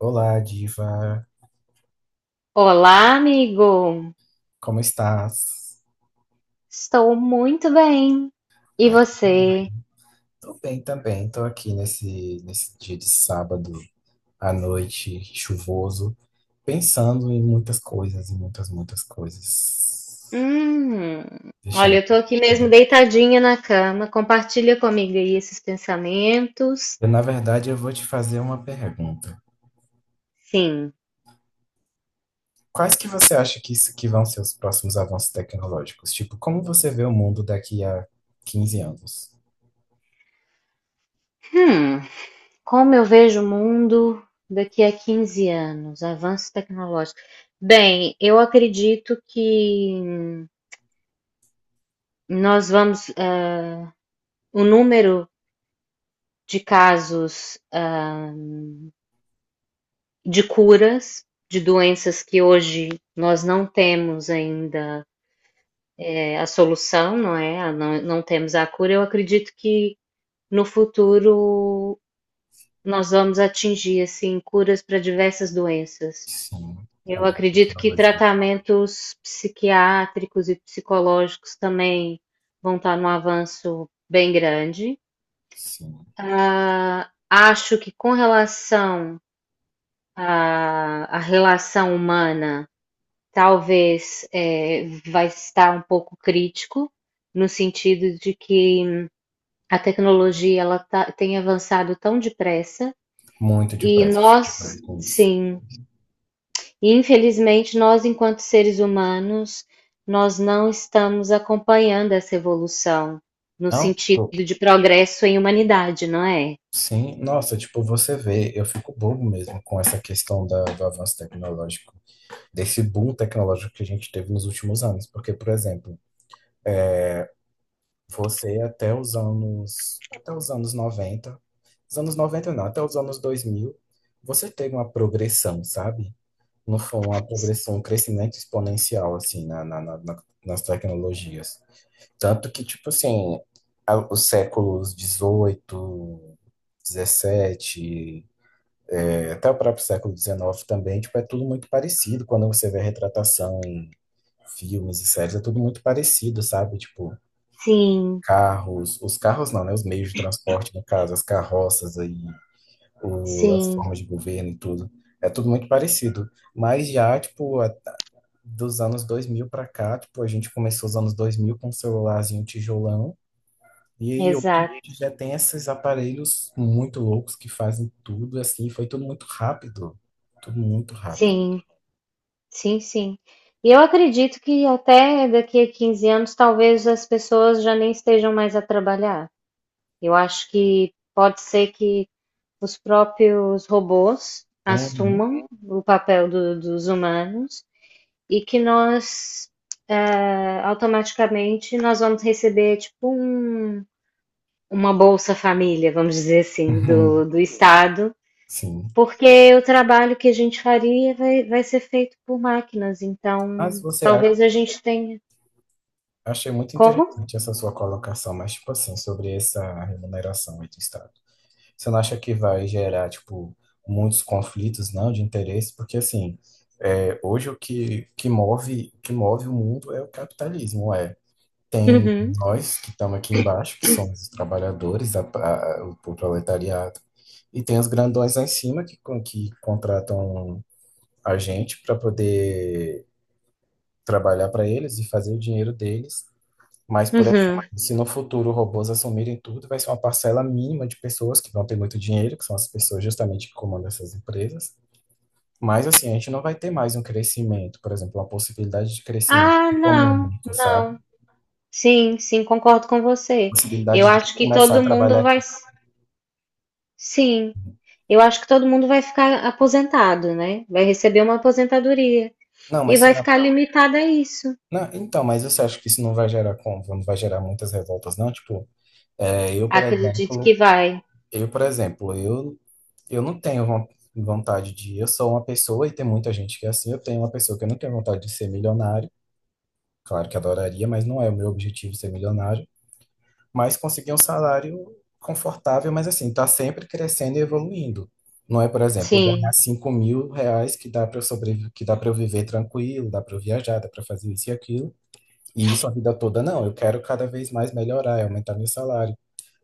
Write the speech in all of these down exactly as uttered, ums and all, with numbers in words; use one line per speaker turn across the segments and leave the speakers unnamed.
Olá, diva.
Olá, amigo!
Como estás?
Estou muito bem. E
Ai, não.
você?
Tô bem também. Tô aqui nesse, nesse dia de sábado à noite, chuvoso, pensando em muitas coisas, em muitas, muitas coisas.
Hum, olha,
Deixando...
eu tô aqui mesmo deitadinha na cama. Compartilha comigo aí esses pensamentos.
Eu, na verdade, eu vou te fazer uma pergunta.
Sim.
Quais que você acha que, isso, que vão ser os próximos avanços tecnológicos? Tipo, como você vê o mundo daqui a quinze anos?
Hum, como eu vejo o mundo daqui a quinze anos, avanço tecnológico. Bem, eu acredito que nós vamos, eh, o número de casos, de curas de doenças que hoje nós não temos ainda é, a solução, não é? Não, não temos a cura. Eu acredito que no futuro nós vamos atingir assim curas para diversas doenças.
Sim, a
Eu acredito que
tecnologia.
tratamentos psiquiátricos e psicológicos também vão estar num avanço bem grande.
Sim,
Ah, acho que com relação à, à relação humana talvez eh, vai estar um pouco crítico, no sentido de que a tecnologia ela tá- tem avançado tão depressa
muito
e
depressa, eu fico doido
nós,
com isso.
sim, infelizmente nós enquanto seres humanos, nós não estamos acompanhando essa evolução no
Não,
sentido
tipo,
de progresso em humanidade, não é?
sim, nossa, tipo, você vê, eu fico bobo mesmo com essa questão da, do avanço tecnológico, desse boom tecnológico que a gente teve nos últimos anos. Porque, por exemplo, você até os anos, até os anos noventa os anos noventa não, até os anos dois mil você teve uma progressão, sabe? Não foi uma progressão, um crescimento exponencial, assim, na, na, na- na- nas tecnologias. Tanto que, tipo assim, a- os séculos dezoito, dezessete, eh, até o próprio século dezenove também, tipo, é tudo muito parecido. Quando você vê a retratação em filmes e séries, é tudo muito parecido, sabe? Tipo,
Sim,
carros, os carros não, né? Os meios de transporte, no caso, as carroças aí, o- as
sim,
formas de governo e tudo. É tudo muito parecido. Mas já, tipo, a- dos anos dois mil pra cá, tipo, a gente começou os anos dois mil com um celularzinho tijolão. E aí hoje a
exato.
gente já tem esses aparelhos muito loucos que fazem tudo assim, foi tudo muito rápido, tudo muito rápido.
Sim. Sim, sim. E eu acredito que até daqui a quinze anos, talvez as pessoas já nem estejam mais a trabalhar. Eu acho que pode ser que os próprios robôs
Uhum.
assumam o papel do- dos humanos e que nós, eh, automaticamente, nós vamos receber, tipo, um- uma Bolsa Família, vamos dizer assim,
Uhum.
do, do Estado,
Sim.
porque o trabalho que a gente faria vai, vai ser feito por máquinas,
Mas
então
você acha,
talvez a gente tenha.
achei muito
Como?
interessante essa sua colocação, mas tipo assim, sobre essa remuneração aí do Estado. Você não acha que vai gerar, tipo, muitos conflitos, não, de interesse? Porque assim, é, hoje o que, que move, o que move o mundo é o capitalismo, é. Tem
Uhum,
nós que estamos aqui embaixo, que somos os trabalhadores, a- a- o proletariado, e tem os grandões lá em cima que, con- que contratam a gente para poder trabalhar para eles e fazer o dinheiro deles. Mas, por exemplo,
uhum.
se no futuro robôs assumirem tudo, vai ser uma parcela mínima de pessoas que vão ter muito dinheiro, que são as pessoas justamente que comandam essas empresas. Mas, assim, a gente não vai ter mais um crescimento, por exemplo, uma possibilidade de crescimento
Ah, não,
econômico, sabe?
não. Sim, sim, concordo com você. Eu
Possibilidade de
acho que
começar a
todo
trabalhar
mundo vai.
aqui.
Sim, eu acho que todo mundo vai ficar aposentado, né? Vai receber uma aposentadoria
Não,
e
mas
vai
será.
ficar limitado a isso.
Não, então, mas você acha que isso não vai gerar como? Não vai gerar muitas revoltas, não? Tipo, é, eu, por
Acredito
exemplo,
que vai.
eu, por exemplo, eu, eu não tenho von- vontade de. Eu sou uma pessoa e tem muita gente que é assim. Eu tenho uma pessoa que eu não tenho vontade de ser milionário. Claro que adoraria, mas não é o meu objetivo ser milionário. Mas conseguir um salário confortável, mas assim, tá sempre crescendo e evoluindo. Não é, por exemplo, ganhar
Sim,
cinco mil reais que dá para eu sobreviver, que dá para eu viver tranquilo, dá para eu viajar, dá para fazer isso e aquilo. E isso a vida toda não, eu quero cada vez mais melhorar, e aumentar meu salário.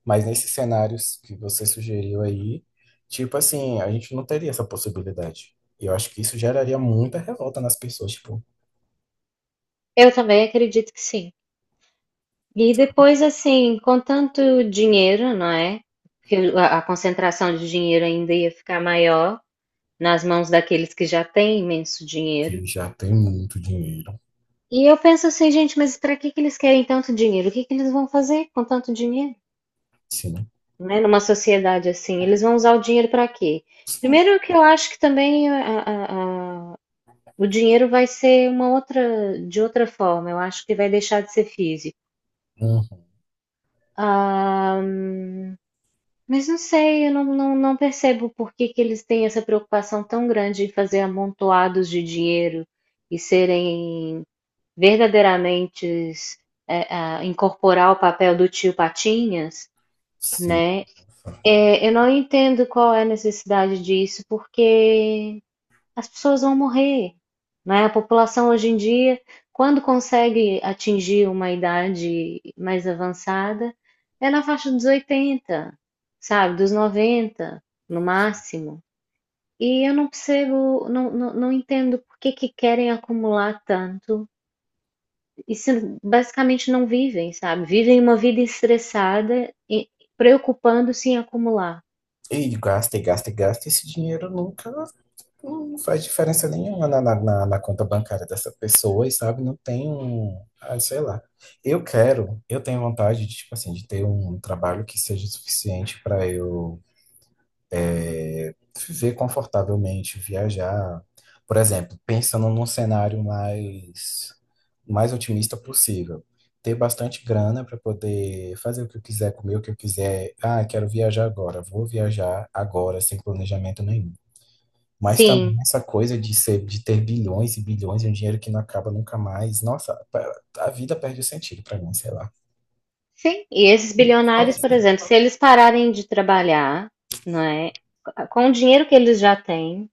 Mas nesses cenários que você sugeriu aí, tipo assim, a gente não teria essa possibilidade. E eu acho que isso geraria muita revolta nas pessoas, tipo,
eu também acredito que sim. E depois, assim, com tanto dinheiro, não é? Que a a concentração de dinheiro ainda ia ficar maior nas mãos daqueles que já têm imenso dinheiro.
que já tem muito dinheiro.
E eu penso assim, gente, mas para que que eles querem tanto dinheiro? O que que eles vão fazer com tanto dinheiro?
Sim.
Né? Numa sociedade assim, eles vão usar o dinheiro para quê? Primeiro que eu acho que também a- a- a- o dinheiro vai ser uma outra, de outra forma. Eu acho que vai deixar de ser físico.
Uhum.
Ah, mas não sei, eu não, não, não percebo por que que eles têm essa preocupação tão grande em fazer amontoados de dinheiro e serem verdadeiramente é, ah, incorporar o papel do tio Patinhas,
Sim.
né? É, eu não entendo qual é a necessidade disso, porque as pessoas vão morrer, né? A população hoje em dia, quando consegue atingir uma idade mais avançada, é na faixa dos oitenta, sabe? Dos noventa, no máximo. E eu não percebo, não, não, não entendo por que que querem acumular tanto e se basicamente não vivem, sabe? Vivem uma vida estressada e preocupando-se em acumular.
E gasta, e gasta, e gasta, esse dinheiro nunca não faz diferença nenhuma na, na, na- na conta bancária dessa pessoa, e sabe? Não tem um, ah, sei lá. Eu quero, eu tenho vontade de, tipo assim, de ter um trabalho que seja suficiente para eu é, viver confortavelmente, viajar. Por exemplo, pensando num cenário mais, mais otimista possível. Ter bastante grana para poder fazer o que eu quiser, comer o que eu quiser. Ah, quero viajar agora. Vou viajar agora, sem planejamento nenhum. Mas também
Sim,
essa coisa de ser, de ter bilhões e bilhões e um dinheiro que não acaba nunca mais. Nossa, a vida perde o sentido pra mim, sei lá.
sim, e esses
Qual
bilionários,
vai
por
ser?
exemplo, se eles pararem de trabalhar, não é? Com o dinheiro que eles já têm,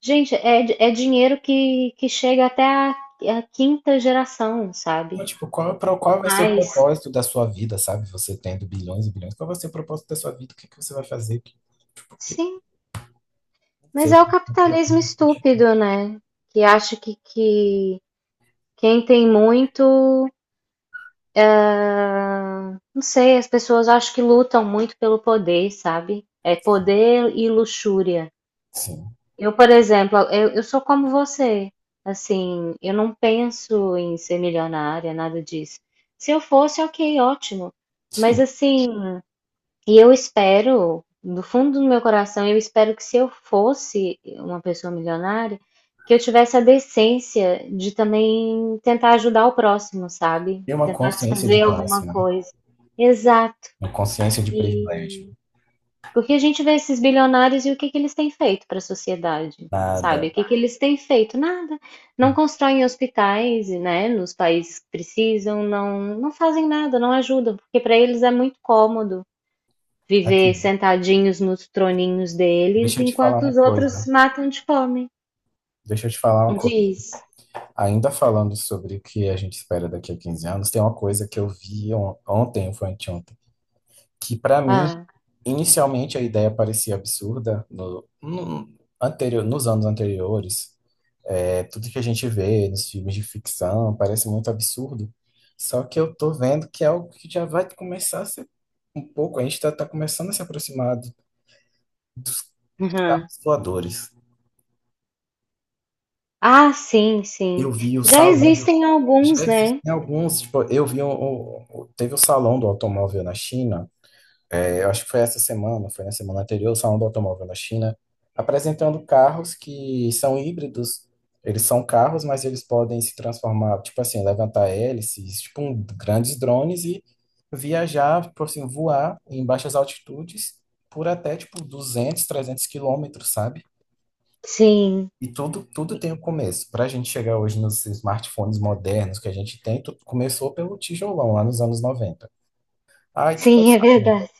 gente, é, é dinheiro que, que chega até a, a quinta geração, sabe?
Não, tipo, qual, pro- qual vai ser o
Mas,
propósito da sua vida, sabe? Você tendo bilhões e bilhões. Qual vai ser o propósito da sua vida? O que que você vai fazer? Que, tipo, que,
sim, mas
ser,
é o capitalismo estúpido, né? Que acha que, que quem tem muito, não sei, as pessoas acham que lutam muito pelo poder, sabe? É poder e luxúria.
sim.
Eu, por exemplo, eu, eu sou como você. Assim, eu não penso em ser milionária, nada disso. Se eu fosse, ok, ótimo. Mas
Sim.
assim, e eu espero, do fundo do meu coração, eu espero que se eu fosse uma pessoa milionária, que eu tivesse a decência de também tentar ajudar o próximo, sabe?
E uma
Tentar
consciência de
fazer alguma
classe, né?
coisa. Exato.
Uma consciência de
E
privilégio.
porque a gente vê esses bilionários e o que que eles têm feito para a sociedade, sabe?
Nada.
O que que eles têm feito? Nada. Não constroem hospitais, né, nos países que precisam, não, não fazem nada, não ajudam, porque para eles é muito cômodo viver
Aqui,
sentadinhos nos troninhos deles,
deixa eu te falar
enquanto
uma
os outros
coisa.
matam de fome.
Deixa eu te falar uma coisa.
Diz.
Ainda falando sobre o que a gente espera daqui a quinze anos, tem uma coisa que eu vi on- ontem, ou foi anteontem, que para mim,
Ah,
inicialmente a ideia parecia absurda no, no- anterior, nos anos anteriores. É, tudo que a gente vê nos filmes de ficção parece muito absurdo. Só que eu tô vendo que é algo que já vai começar a ser um pouco, a gente tá, tá começando a se aproximar do- dos
uhum.
carros voadores.
Ah, sim, sim.
Eu vi o
Já
salão.
existem
Já
alguns, né?
existem alguns, tipo, eu vi um, um- um, teve o Salão do Automóvel na China, é, eu acho que foi essa semana, foi na semana anterior, o Salão do Automóvel na China, apresentando carros que são híbridos. Eles são carros, mas eles podem se transformar, tipo assim, levantar hélices, tipo um, grandes drones e viajar, tipo assim, voar em baixas altitudes por até, tipo, duzentos trezentos quilômetros, sabe?
Sim,
E tudo, tudo tem um começo. Para a gente chegar hoje nos smartphones modernos que a gente tem, tudo começou pelo tijolão, lá nos anos noventa. Aí, tipo
sim,
assim,
é
né,
verdade.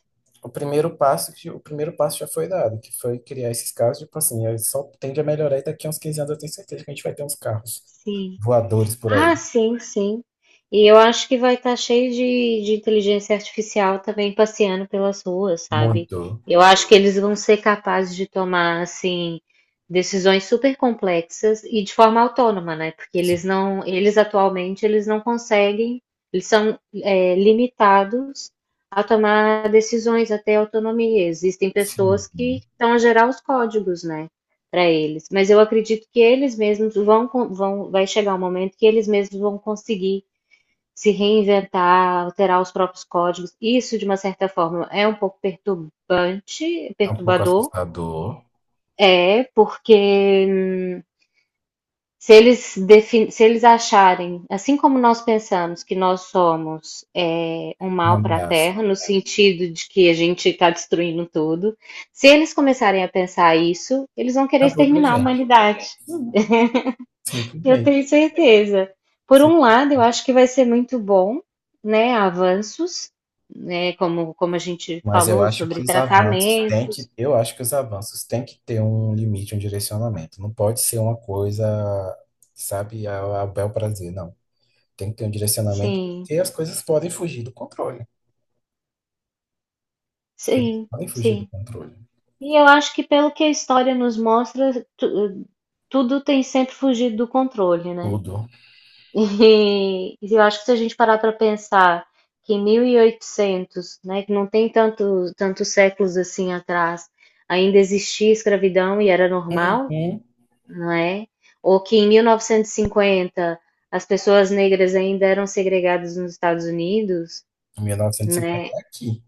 o primeiro passo, que- o primeiro passo já foi dado, que foi criar esses carros, tipo assim, aí só tende a melhorar e daqui a uns quinze anos eu tenho certeza que a gente vai ter uns carros
Sim.
voadores por
Ah,
aí.
sim, sim. E eu acho que vai estar cheio de, de inteligência artificial também passeando pelas ruas, sabe?
Muito.
Eu acho que eles vão ser capazes de tomar, assim, decisões super complexas e de forma autônoma, né? Porque
Sim,
eles não, eles atualmente, eles não conseguem, eles são, é, limitados a tomar decisões, até autonomia. Existem
sim.
pessoas que estão a gerar os códigos, né? Para eles. Mas eu acredito que eles mesmos vão, con- vão, vai chegar um momento que eles mesmos vão conseguir se reinventar, alterar os próprios códigos. Isso, de uma certa forma, é um pouco perturbante,
É um pouco
perturbador,
assustador,
é, porque se eles, defin- se eles acharem, assim como nós pensamos que nós somos é, um
uma
mal para a
ameaça.
Terra, no sentido de que a gente está destruindo tudo, se eles começarem a pensar isso, eles vão querer
Acabou pra
exterminar a
gente.
humanidade.
Sim.
Eu tenho
Simplesmente.
certeza. Por um lado, eu acho que vai ser muito bom, né? Avanços, né? Como, como a gente
Mas eu
falou
acho que
sobre
os avanços têm
tratamentos.
que, eu acho que os avanços têm que ter um limite, um direcionamento. Não pode ser uma coisa, sabe, a, a bel prazer, não. Tem que ter um direcionamento,
Sim,
porque as coisas podem fugir do controle. As coisas
sim,
podem fugir do
sim.
controle.
E eu acho que pelo que a história nos mostra, tu- tudo tem sempre fugido do controle, né?
Tudo.
E eu acho que se a gente parar para pensar que em mil e oitocentos, né, que não tem tanto, tantos séculos assim atrás, ainda existia escravidão e era normal,
Uhum.
não é? Ou que em mil novecentos e cinquenta as pessoas negras ainda eram segregadas nos Estados Unidos,
mil novecentos e cinquenta
né?
é aqui.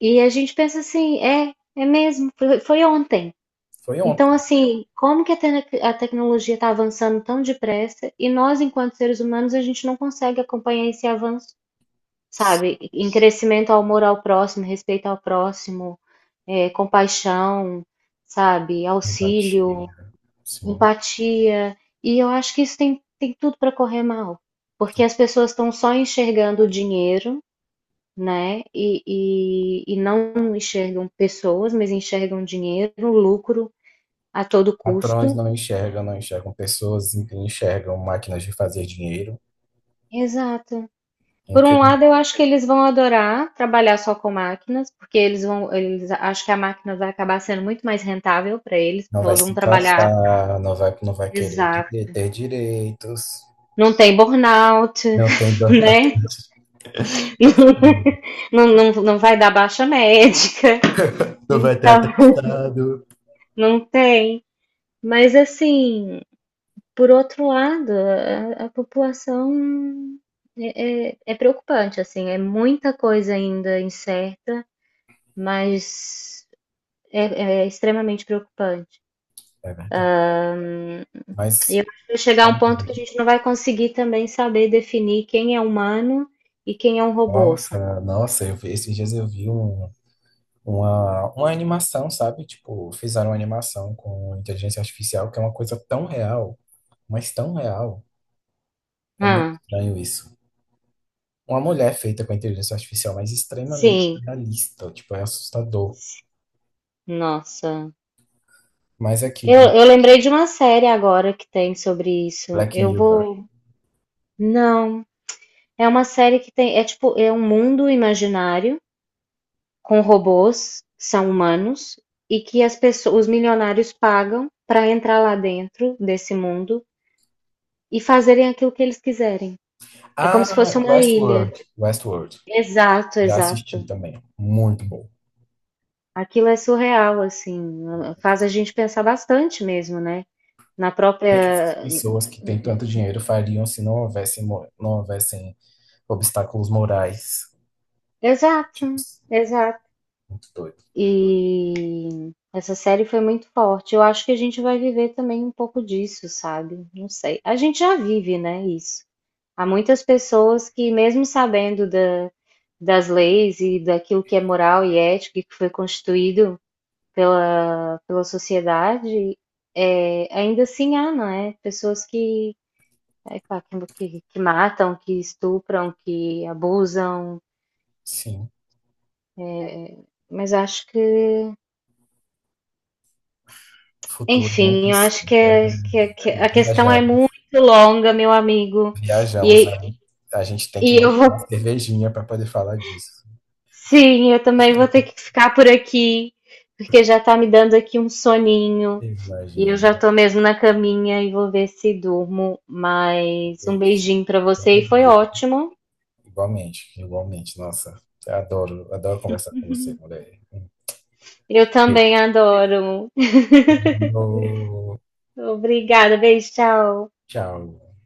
E a gente pensa assim, é, é mesmo, foi foi ontem.
Foi ontem.
Então, assim, como que a, te- a tecnologia está avançando tão depressa e nós, enquanto seres humanos, a gente não consegue acompanhar esse avanço, sabe? Em crescimento ao amor ao próximo, respeito ao próximo, é, compaixão, sabe? Auxílio,
Empatia. Sim.
empatia. E eu acho que isso tem, tem tudo para correr mal, porque
Tu-
as pessoas estão só enxergando o dinheiro, né? E, e, e não enxergam pessoas, mas enxergam dinheiro, lucro a todo
Patrões
custo.
não enxergam, não enxergam pessoas, enxergam máquinas de fazer dinheiro.
Exato. Por um lado, eu acho que eles vão adorar trabalhar só com máquinas, porque eles vão, eles acham que a máquina vai acabar sendo muito mais rentável para eles,
Não
porque
vai
elas vão
se
trabalhar,
cansar, não vai, não vai querer dire-
exato.
ter direitos,
Não tem burnout,
não tem dor na
né?
testa,
Não, não, não vai dar baixa médica,
não vai ter
então
atestado.
não tem. Mas assim, por outro lado, a, a população é, é, é preocupante, assim, é muita coisa ainda incerta, mas é, é extremamente preocupante.
É verdade.
E eu
Mas,
acho que vai chegar a um ponto que a gente não vai conseguir também saber definir quem é humano e quem é um robô, sabe?
nossa, nossa, eu vi, esses dias eu vi um, uma, uma animação, sabe? Tipo, fizeram uma animação com inteligência artificial, que é uma coisa tão real, mas tão real. É muito
Ah,
estranho isso. Uma mulher feita com inteligência artificial, mas extremamente
sim.
realista. Tipo, é assustador.
Nossa.
Mas aqui,
Eu,
de
eu lembrei de uma série agora que tem sobre isso.
Black
Eu
Mirror.
vou. Não. É uma série que tem. É tipo, é um mundo imaginário com robôs que são humanos e que as pessoas, os milionários pagam para entrar lá dentro desse mundo e fazerem aquilo que eles quiserem. É como se fosse
Ah,
uma ilha.
Westworld. Westworld.
Exato,
Já assisti
exato.
também. Muito bom. O
Aquilo é surreal, assim. Faz a gente pensar bastante mesmo, né? Na
que essas
própria.
pessoas que têm tanto dinheiro fariam se não houvessem, mo- não houvessem obstáculos morais?
Exato,
Tipo,
exato.
muito doido.
E essa série foi muito forte. Eu acho que a gente vai viver também um pouco disso, sabe? Não sei. A gente já vive, né, isso. Há muitas pessoas que, mesmo sabendo da, das leis e daquilo que é moral e ético e que foi constituído pela, pela sociedade, é, ainda assim há, não é? Pessoas que, é, pá, que, que que matam, que estupram, que abusam.
Sim,
Mas acho que
o futuro é muito
Enfim, eu acho
insano,
que, é,
né?
que, é- que é, a questão é
Viaja-
muito longa, meu amigo.
Viajamos.
E,
A, a gente tem que
e eu
marcar uma
vou.
cervejinha para poder falar disso.
Sim, eu também vou ter que ficar por aqui, porque já tá me dando aqui um soninho. E eu
Imagina.
já tô mesmo na caminha e vou ver se durmo. Mas um
Isso.
beijinho pra você e foi
Obrigado.
ótimo.
Igualmente, igualmente. Nossa, eu adoro, adoro conversar com você, mulher.
Eu também adoro.
Beijo.
Obrigada, beijo, tchau.
Tchau.